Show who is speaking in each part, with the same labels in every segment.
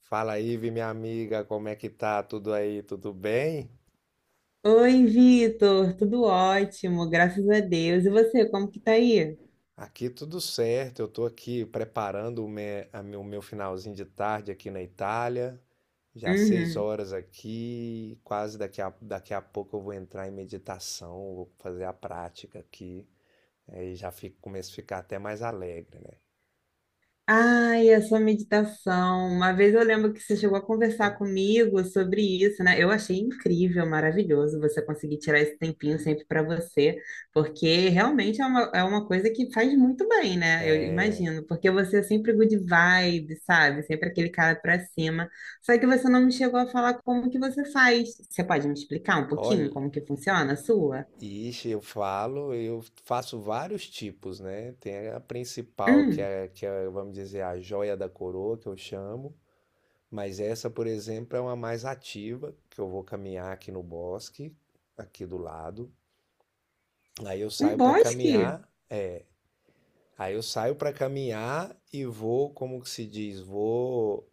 Speaker 1: Fala aí, Vi, minha amiga, como é que tá? Tudo aí, tudo bem?
Speaker 2: Oi, Vitor, tudo ótimo, graças a Deus. E você, como que tá aí?
Speaker 1: Aqui tudo certo, eu tô aqui preparando o meu finalzinho de tarde aqui na Itália. Já seis
Speaker 2: Uhum.
Speaker 1: horas aqui, quase daqui a pouco eu vou entrar em meditação, vou fazer a prática aqui. Aí já fico, começo a ficar até mais alegre, né?
Speaker 2: Ai, a sua meditação. Uma vez eu lembro que você chegou a conversar comigo sobre isso, né? Eu achei incrível, maravilhoso você conseguir tirar esse tempinho sempre para você, porque realmente é uma coisa que faz muito bem, né? Eu
Speaker 1: É,
Speaker 2: imagino, porque você é sempre good vibe, sabe? Sempre aquele cara para cima. Só que você não me chegou a falar como que você faz. Você pode me explicar um
Speaker 1: olha,
Speaker 2: pouquinho como que funciona a sua?
Speaker 1: ixi, eu falo, eu faço vários tipos, né? Tem a principal,
Speaker 2: Hum,
Speaker 1: vamos dizer, a joia da coroa, que eu chamo. Mas essa, por exemplo, é uma mais ativa, que eu vou caminhar aqui no bosque, aqui do lado. Aí eu
Speaker 2: Um
Speaker 1: saio para
Speaker 2: bosque?
Speaker 1: caminhar, Aí eu saio para caminhar e vou, como que se diz, vou.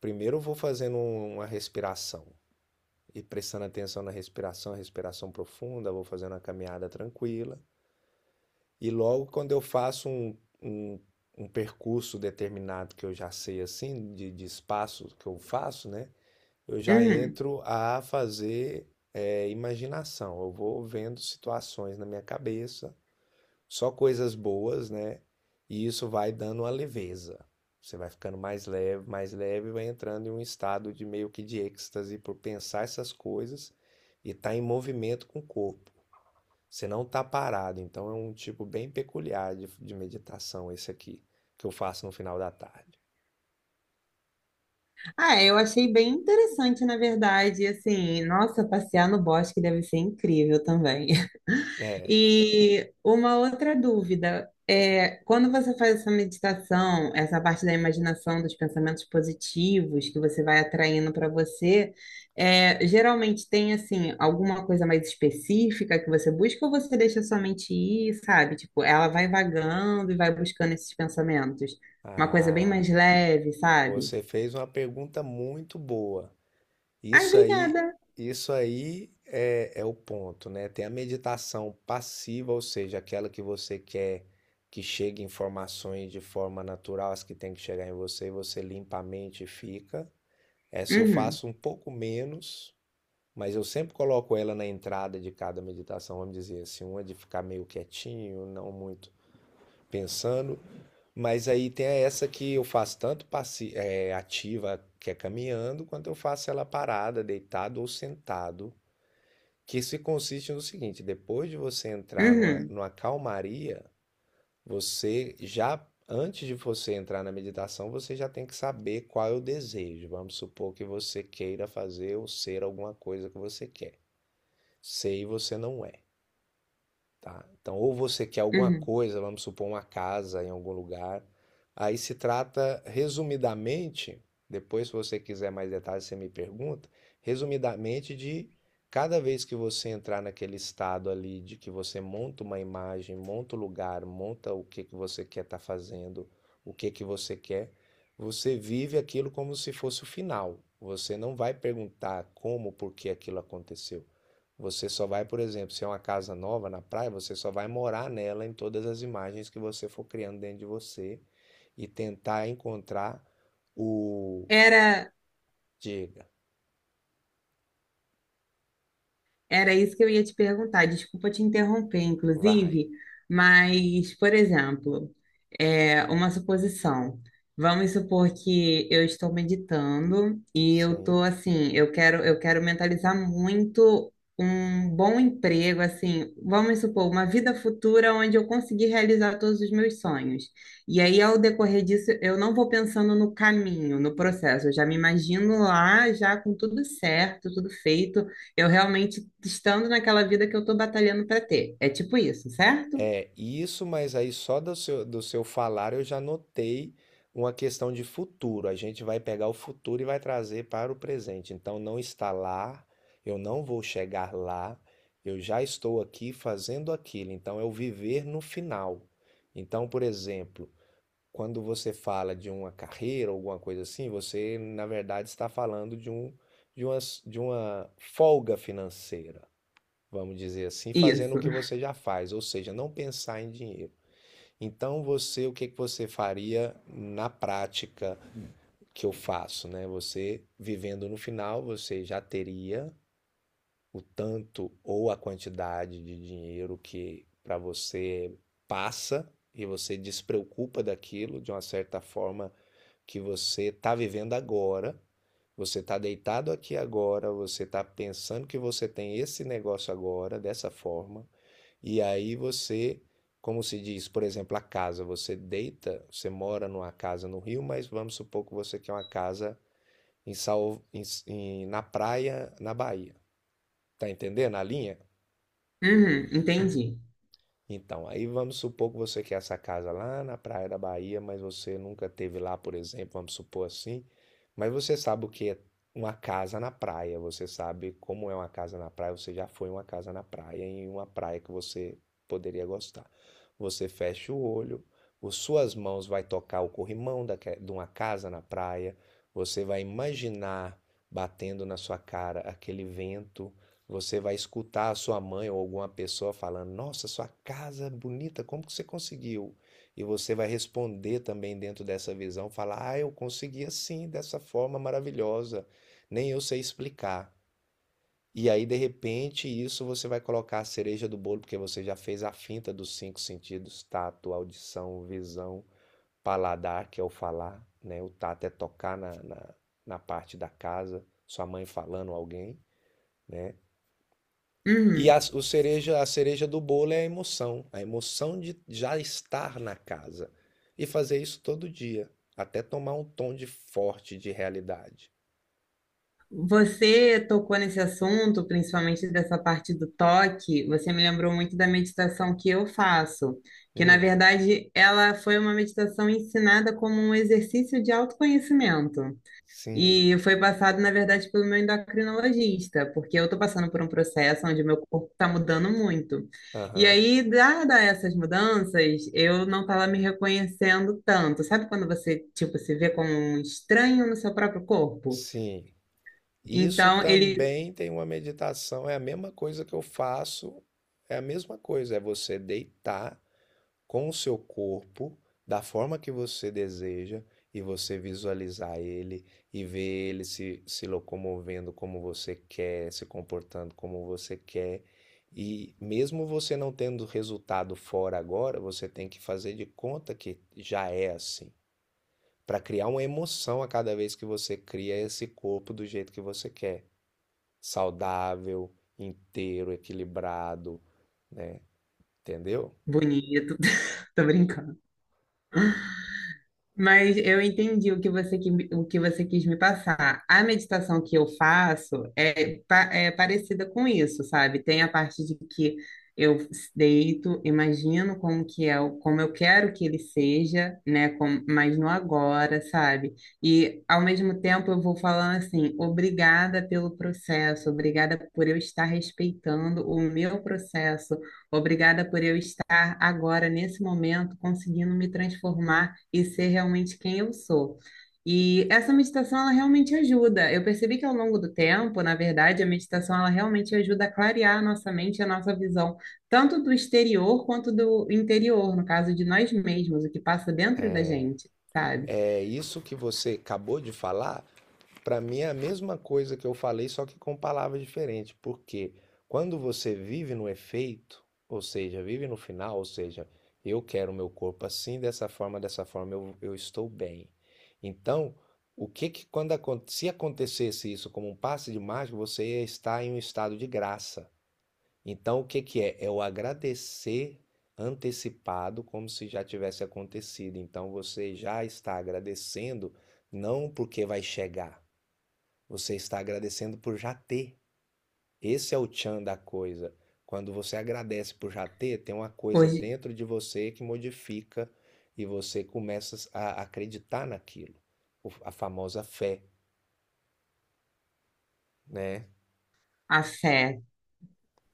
Speaker 1: Primeiro eu vou fazendo uma respiração e prestando atenção na respiração, respiração profunda, vou fazendo uma caminhada tranquila. E logo quando eu faço um, um percurso determinado que eu já sei assim, de espaço que eu faço, né? Eu já
Speaker 2: Hum.
Speaker 1: entro a fazer imaginação. Eu vou vendo situações na minha cabeça, só coisas boas, né? E isso vai dando uma leveza. Você vai ficando mais leve, e vai entrando em um estado de meio que de êxtase por pensar essas coisas e estar tá em movimento com o corpo. Você não está parado, então é um tipo bem peculiar de meditação esse aqui, que eu faço no final da tarde.
Speaker 2: Ah, eu achei bem interessante, na verdade. Assim, nossa, passear no bosque deve ser incrível também.
Speaker 1: É,
Speaker 2: E uma outra dúvida é, quando você faz essa meditação, essa parte da imaginação, dos pensamentos positivos que você vai atraindo para você, geralmente tem assim alguma coisa mais específica que você busca ou você deixa sua mente ir, sabe? Tipo, ela vai vagando e vai buscando esses pensamentos. Uma coisa bem
Speaker 1: ah,
Speaker 2: mais leve, sabe?
Speaker 1: Você fez uma pergunta muito boa.
Speaker 2: Ai,
Speaker 1: Isso aí,
Speaker 2: obrigada.
Speaker 1: isso aí é, é o ponto, né? Tem a meditação passiva, ou seja, aquela que você quer que chegue informações de forma natural, as que tem que chegar em você, você limpa a mente e fica. Essa eu
Speaker 2: Uhum,
Speaker 1: faço um pouco menos, mas eu sempre coloco ela na entrada de cada meditação, vamos dizer assim, uma de ficar meio quietinho, não muito pensando. Mas aí tem essa que eu faço tanto ativa, que é caminhando, quanto eu faço ela parada, deitado ou sentado. Que se consiste no seguinte: depois de você entrar
Speaker 2: uhum,
Speaker 1: numa calmaria, você já, antes de você entrar na meditação, você já tem que saber qual é o desejo. Vamos supor que você queira fazer ou ser alguma coisa que você quer. Sei, você não é, tá? Então, ou você quer alguma
Speaker 2: uhum.
Speaker 1: coisa, vamos supor uma casa em algum lugar. Aí se trata, resumidamente, depois se você quiser mais detalhes, você me pergunta, resumidamente de cada vez que você entrar naquele estado ali de que você monta uma imagem, monta o lugar, monta o que que você quer estar tá fazendo, o que que você quer, você vive aquilo como se fosse o final. Você não vai perguntar como, por que aquilo aconteceu. Você só vai, por exemplo, se é uma casa nova na praia, você só vai morar nela em todas as imagens que você for criando dentro de você e tentar encontrar o.
Speaker 2: Era,
Speaker 1: Diga,
Speaker 2: Era isso que eu ia te perguntar. Desculpa te interromper,
Speaker 1: vai.
Speaker 2: inclusive, mas, por exemplo, é uma suposição. Vamos supor que eu estou meditando e eu
Speaker 1: Sim.
Speaker 2: estou assim, eu quero mentalizar muito um bom emprego, assim, vamos supor, uma vida futura onde eu conseguir realizar todos os meus sonhos. E aí, ao decorrer disso, eu não vou pensando no caminho, no processo, eu já me imagino lá, já com tudo certo, tudo feito. Eu realmente estando naquela vida que eu tô batalhando pra ter. É tipo isso, certo?
Speaker 1: É, isso, mas aí só do seu falar eu já notei uma questão de futuro. A gente vai pegar o futuro e vai trazer para o presente. Então não está lá, eu não vou chegar lá, eu já estou aqui fazendo aquilo. Então é o viver no final. Então, por exemplo, quando você fala de uma carreira ou alguma coisa assim, você na verdade está falando de uma, de uma folga financeira, vamos dizer assim, fazendo o
Speaker 2: Isso.
Speaker 1: que você já faz, ou seja, não pensar em dinheiro. Então você, o que que você faria na prática que eu faço, né? Você vivendo no final, você já teria o tanto ou a quantidade de dinheiro que para você passa e você despreocupa daquilo de uma certa forma que você está vivendo agora. Você está deitado aqui agora, você está pensando que você tem esse negócio agora, dessa forma, e aí você, como se diz, por exemplo, a casa, você deita, você mora numa casa no Rio, mas vamos supor que você quer uma casa em, Salv... na praia, na Bahia. Tá entendendo a linha?
Speaker 2: Uhum, entendi.
Speaker 1: Então, aí vamos supor que você quer essa casa lá na Praia da Bahia, mas você nunca teve lá, por exemplo, vamos supor assim. Mas você sabe o que é uma casa na praia, você sabe como é uma casa na praia, você já foi em uma casa na praia, em uma praia que você poderia gostar. Você fecha o olho, as suas mãos vai tocar o corrimão de uma casa na praia, você vai imaginar batendo na sua cara aquele vento, você vai escutar a sua mãe ou alguma pessoa falando: Nossa, sua casa é bonita, como que você conseguiu? E você vai responder também dentro dessa visão: falar, ah, eu consegui assim, dessa forma maravilhosa, nem eu sei explicar. E aí, de repente, isso você vai colocar a cereja do bolo, porque você já fez a finta dos 5 sentidos: tato, audição, visão, paladar, que é o falar, né? O tato é tocar na parte da casa, sua mãe falando, alguém, né? E
Speaker 2: Uhum.
Speaker 1: a cereja do bolo é a emoção de já estar na casa e fazer isso todo dia, até tomar um tom de forte de realidade.
Speaker 2: Você tocou nesse assunto, principalmente dessa parte do toque, você me lembrou muito da meditação que eu faço, que na
Speaker 1: Hum,
Speaker 2: verdade ela foi uma meditação ensinada como um exercício de autoconhecimento.
Speaker 1: sim,
Speaker 2: E foi passado, na verdade, pelo meu endocrinologista, porque eu estou passando por um processo onde meu corpo está mudando muito. E
Speaker 1: aham,
Speaker 2: aí, dada essas mudanças, eu não estava me reconhecendo tanto. Sabe quando você, tipo, se vê como um estranho no seu próprio corpo?
Speaker 1: sim. Isso
Speaker 2: Então, ele,
Speaker 1: também tem uma meditação, é a mesma coisa que eu faço, é a mesma coisa, é você deitar com o seu corpo, da forma que você deseja, e você visualizar ele e ver ele se locomovendo como você quer, se comportando como você quer. E mesmo você não tendo resultado fora agora, você tem que fazer de conta que já é assim, para criar uma emoção a cada vez que você cria esse corpo do jeito que você quer, saudável, inteiro, equilibrado, né? Entendeu?
Speaker 2: bonito, tô brincando. Mas eu entendi o que você quis me passar. A meditação que eu faço é parecida com isso, sabe? Tem a parte de que eu deito, imagino como que é, como eu quero que ele seja, né? Como, mas no agora, sabe? E ao mesmo tempo eu vou falando assim, obrigada pelo processo, obrigada por eu estar respeitando o meu processo, obrigada por eu estar agora, nesse momento, conseguindo me transformar e ser realmente quem eu sou. E essa meditação, ela realmente ajuda. Eu percebi que ao longo do tempo, na verdade, a meditação, ela realmente ajuda a clarear a nossa mente, e a nossa visão, tanto do exterior quanto do interior, no caso de nós mesmos, o que passa dentro da
Speaker 1: É,
Speaker 2: gente, sabe?
Speaker 1: É isso que você acabou de falar, para mim é a mesma coisa que eu falei, só que com palavras diferentes. Porque quando você vive no efeito, ou seja, vive no final, ou seja, eu quero o meu corpo assim, dessa forma, eu estou bem. Então, o que que quando se acontecesse isso como um passe de mágica, você ia estar em um estado de graça. Então, o que que é? É o agradecer antecipado, como se já tivesse acontecido. Então, você já está agradecendo, não porque vai chegar, você está agradecendo por já ter. Esse é o tchan da coisa. Quando você agradece por já ter, tem uma coisa
Speaker 2: Hoje,
Speaker 1: dentro de você que modifica e você começa a acreditar naquilo. A famosa fé, né?
Speaker 2: a fé.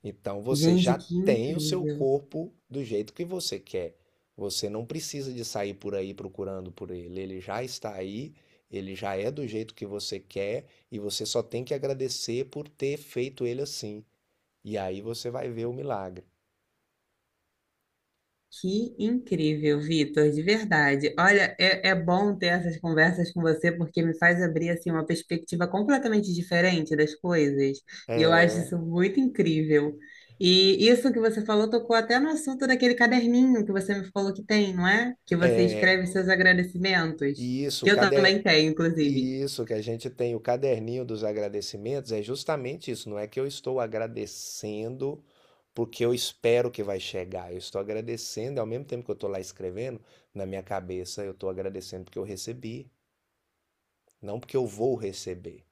Speaker 1: Então você já
Speaker 2: Gente, que
Speaker 1: tem o seu
Speaker 2: incrível.
Speaker 1: corpo do jeito que você quer. Você não precisa de sair por aí procurando por ele. Ele já está aí, ele já é do jeito que você quer e você só tem que agradecer por ter feito ele assim. E aí você vai ver o milagre.
Speaker 2: Que incrível, Vitor, de verdade. Olha, é bom ter essas conversas com você porque me faz abrir assim uma perspectiva completamente diferente das coisas. E eu
Speaker 1: É,
Speaker 2: acho isso muito incrível. E isso que você falou tocou até no assunto daquele caderninho que você me falou que tem, não é? Que você
Speaker 1: é,
Speaker 2: escreve seus agradecimentos,
Speaker 1: e isso,
Speaker 2: que eu
Speaker 1: cada
Speaker 2: também tenho, inclusive.
Speaker 1: E isso que a gente tem o caderninho dos agradecimentos é justamente isso. Não é que eu estou agradecendo porque eu espero que vai chegar. Eu estou agradecendo, e ao mesmo tempo que eu estou lá escrevendo, na minha cabeça eu estou agradecendo porque eu recebi, não porque eu vou receber.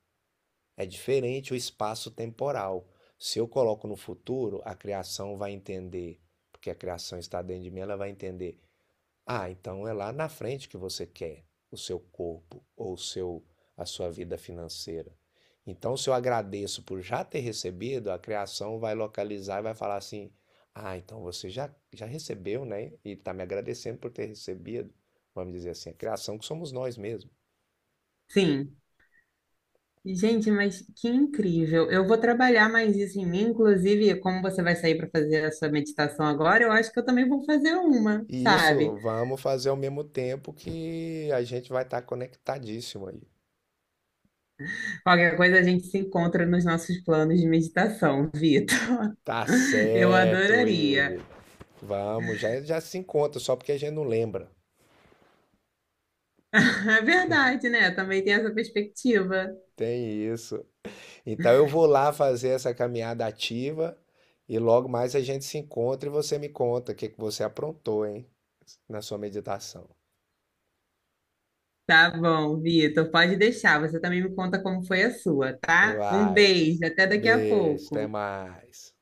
Speaker 1: É diferente o espaço temporal. Se eu coloco no futuro, a criação vai entender, porque a criação está dentro de mim, ela vai entender. Ah, então é lá na frente que você quer o seu corpo ou o seu, a sua vida financeira. Então, se eu agradeço por já ter recebido, a criação vai localizar e vai falar assim: ah, então você já recebeu, né? E está me agradecendo por ter recebido. Vamos dizer assim: a criação que somos nós mesmos.
Speaker 2: Sim. Gente, mas que incrível. Eu vou trabalhar mais isso em mim, inclusive, como você vai sair para fazer a sua meditação agora, eu acho que eu também vou fazer uma,
Speaker 1: E
Speaker 2: sabe?
Speaker 1: isso vamos fazer ao mesmo tempo que a gente vai estar conectadíssimo aí.
Speaker 2: Qualquer coisa a gente se encontra nos nossos planos de meditação, Vitor.
Speaker 1: Tá
Speaker 2: Eu
Speaker 1: certo, Ive.
Speaker 2: adoraria.
Speaker 1: Vamos, já se encontra, só porque a gente não lembra.
Speaker 2: É verdade, né? Também tem essa perspectiva.
Speaker 1: Tem isso. Então eu vou lá fazer essa caminhada ativa e logo mais a gente se encontra e você me conta o que que você aprontou, hein, na sua meditação.
Speaker 2: Tá bom, Vitor, pode deixar. Você também me conta como foi a sua, tá? Um
Speaker 1: Vai.
Speaker 2: beijo, até daqui a
Speaker 1: Beijo, até
Speaker 2: pouco.
Speaker 1: mais.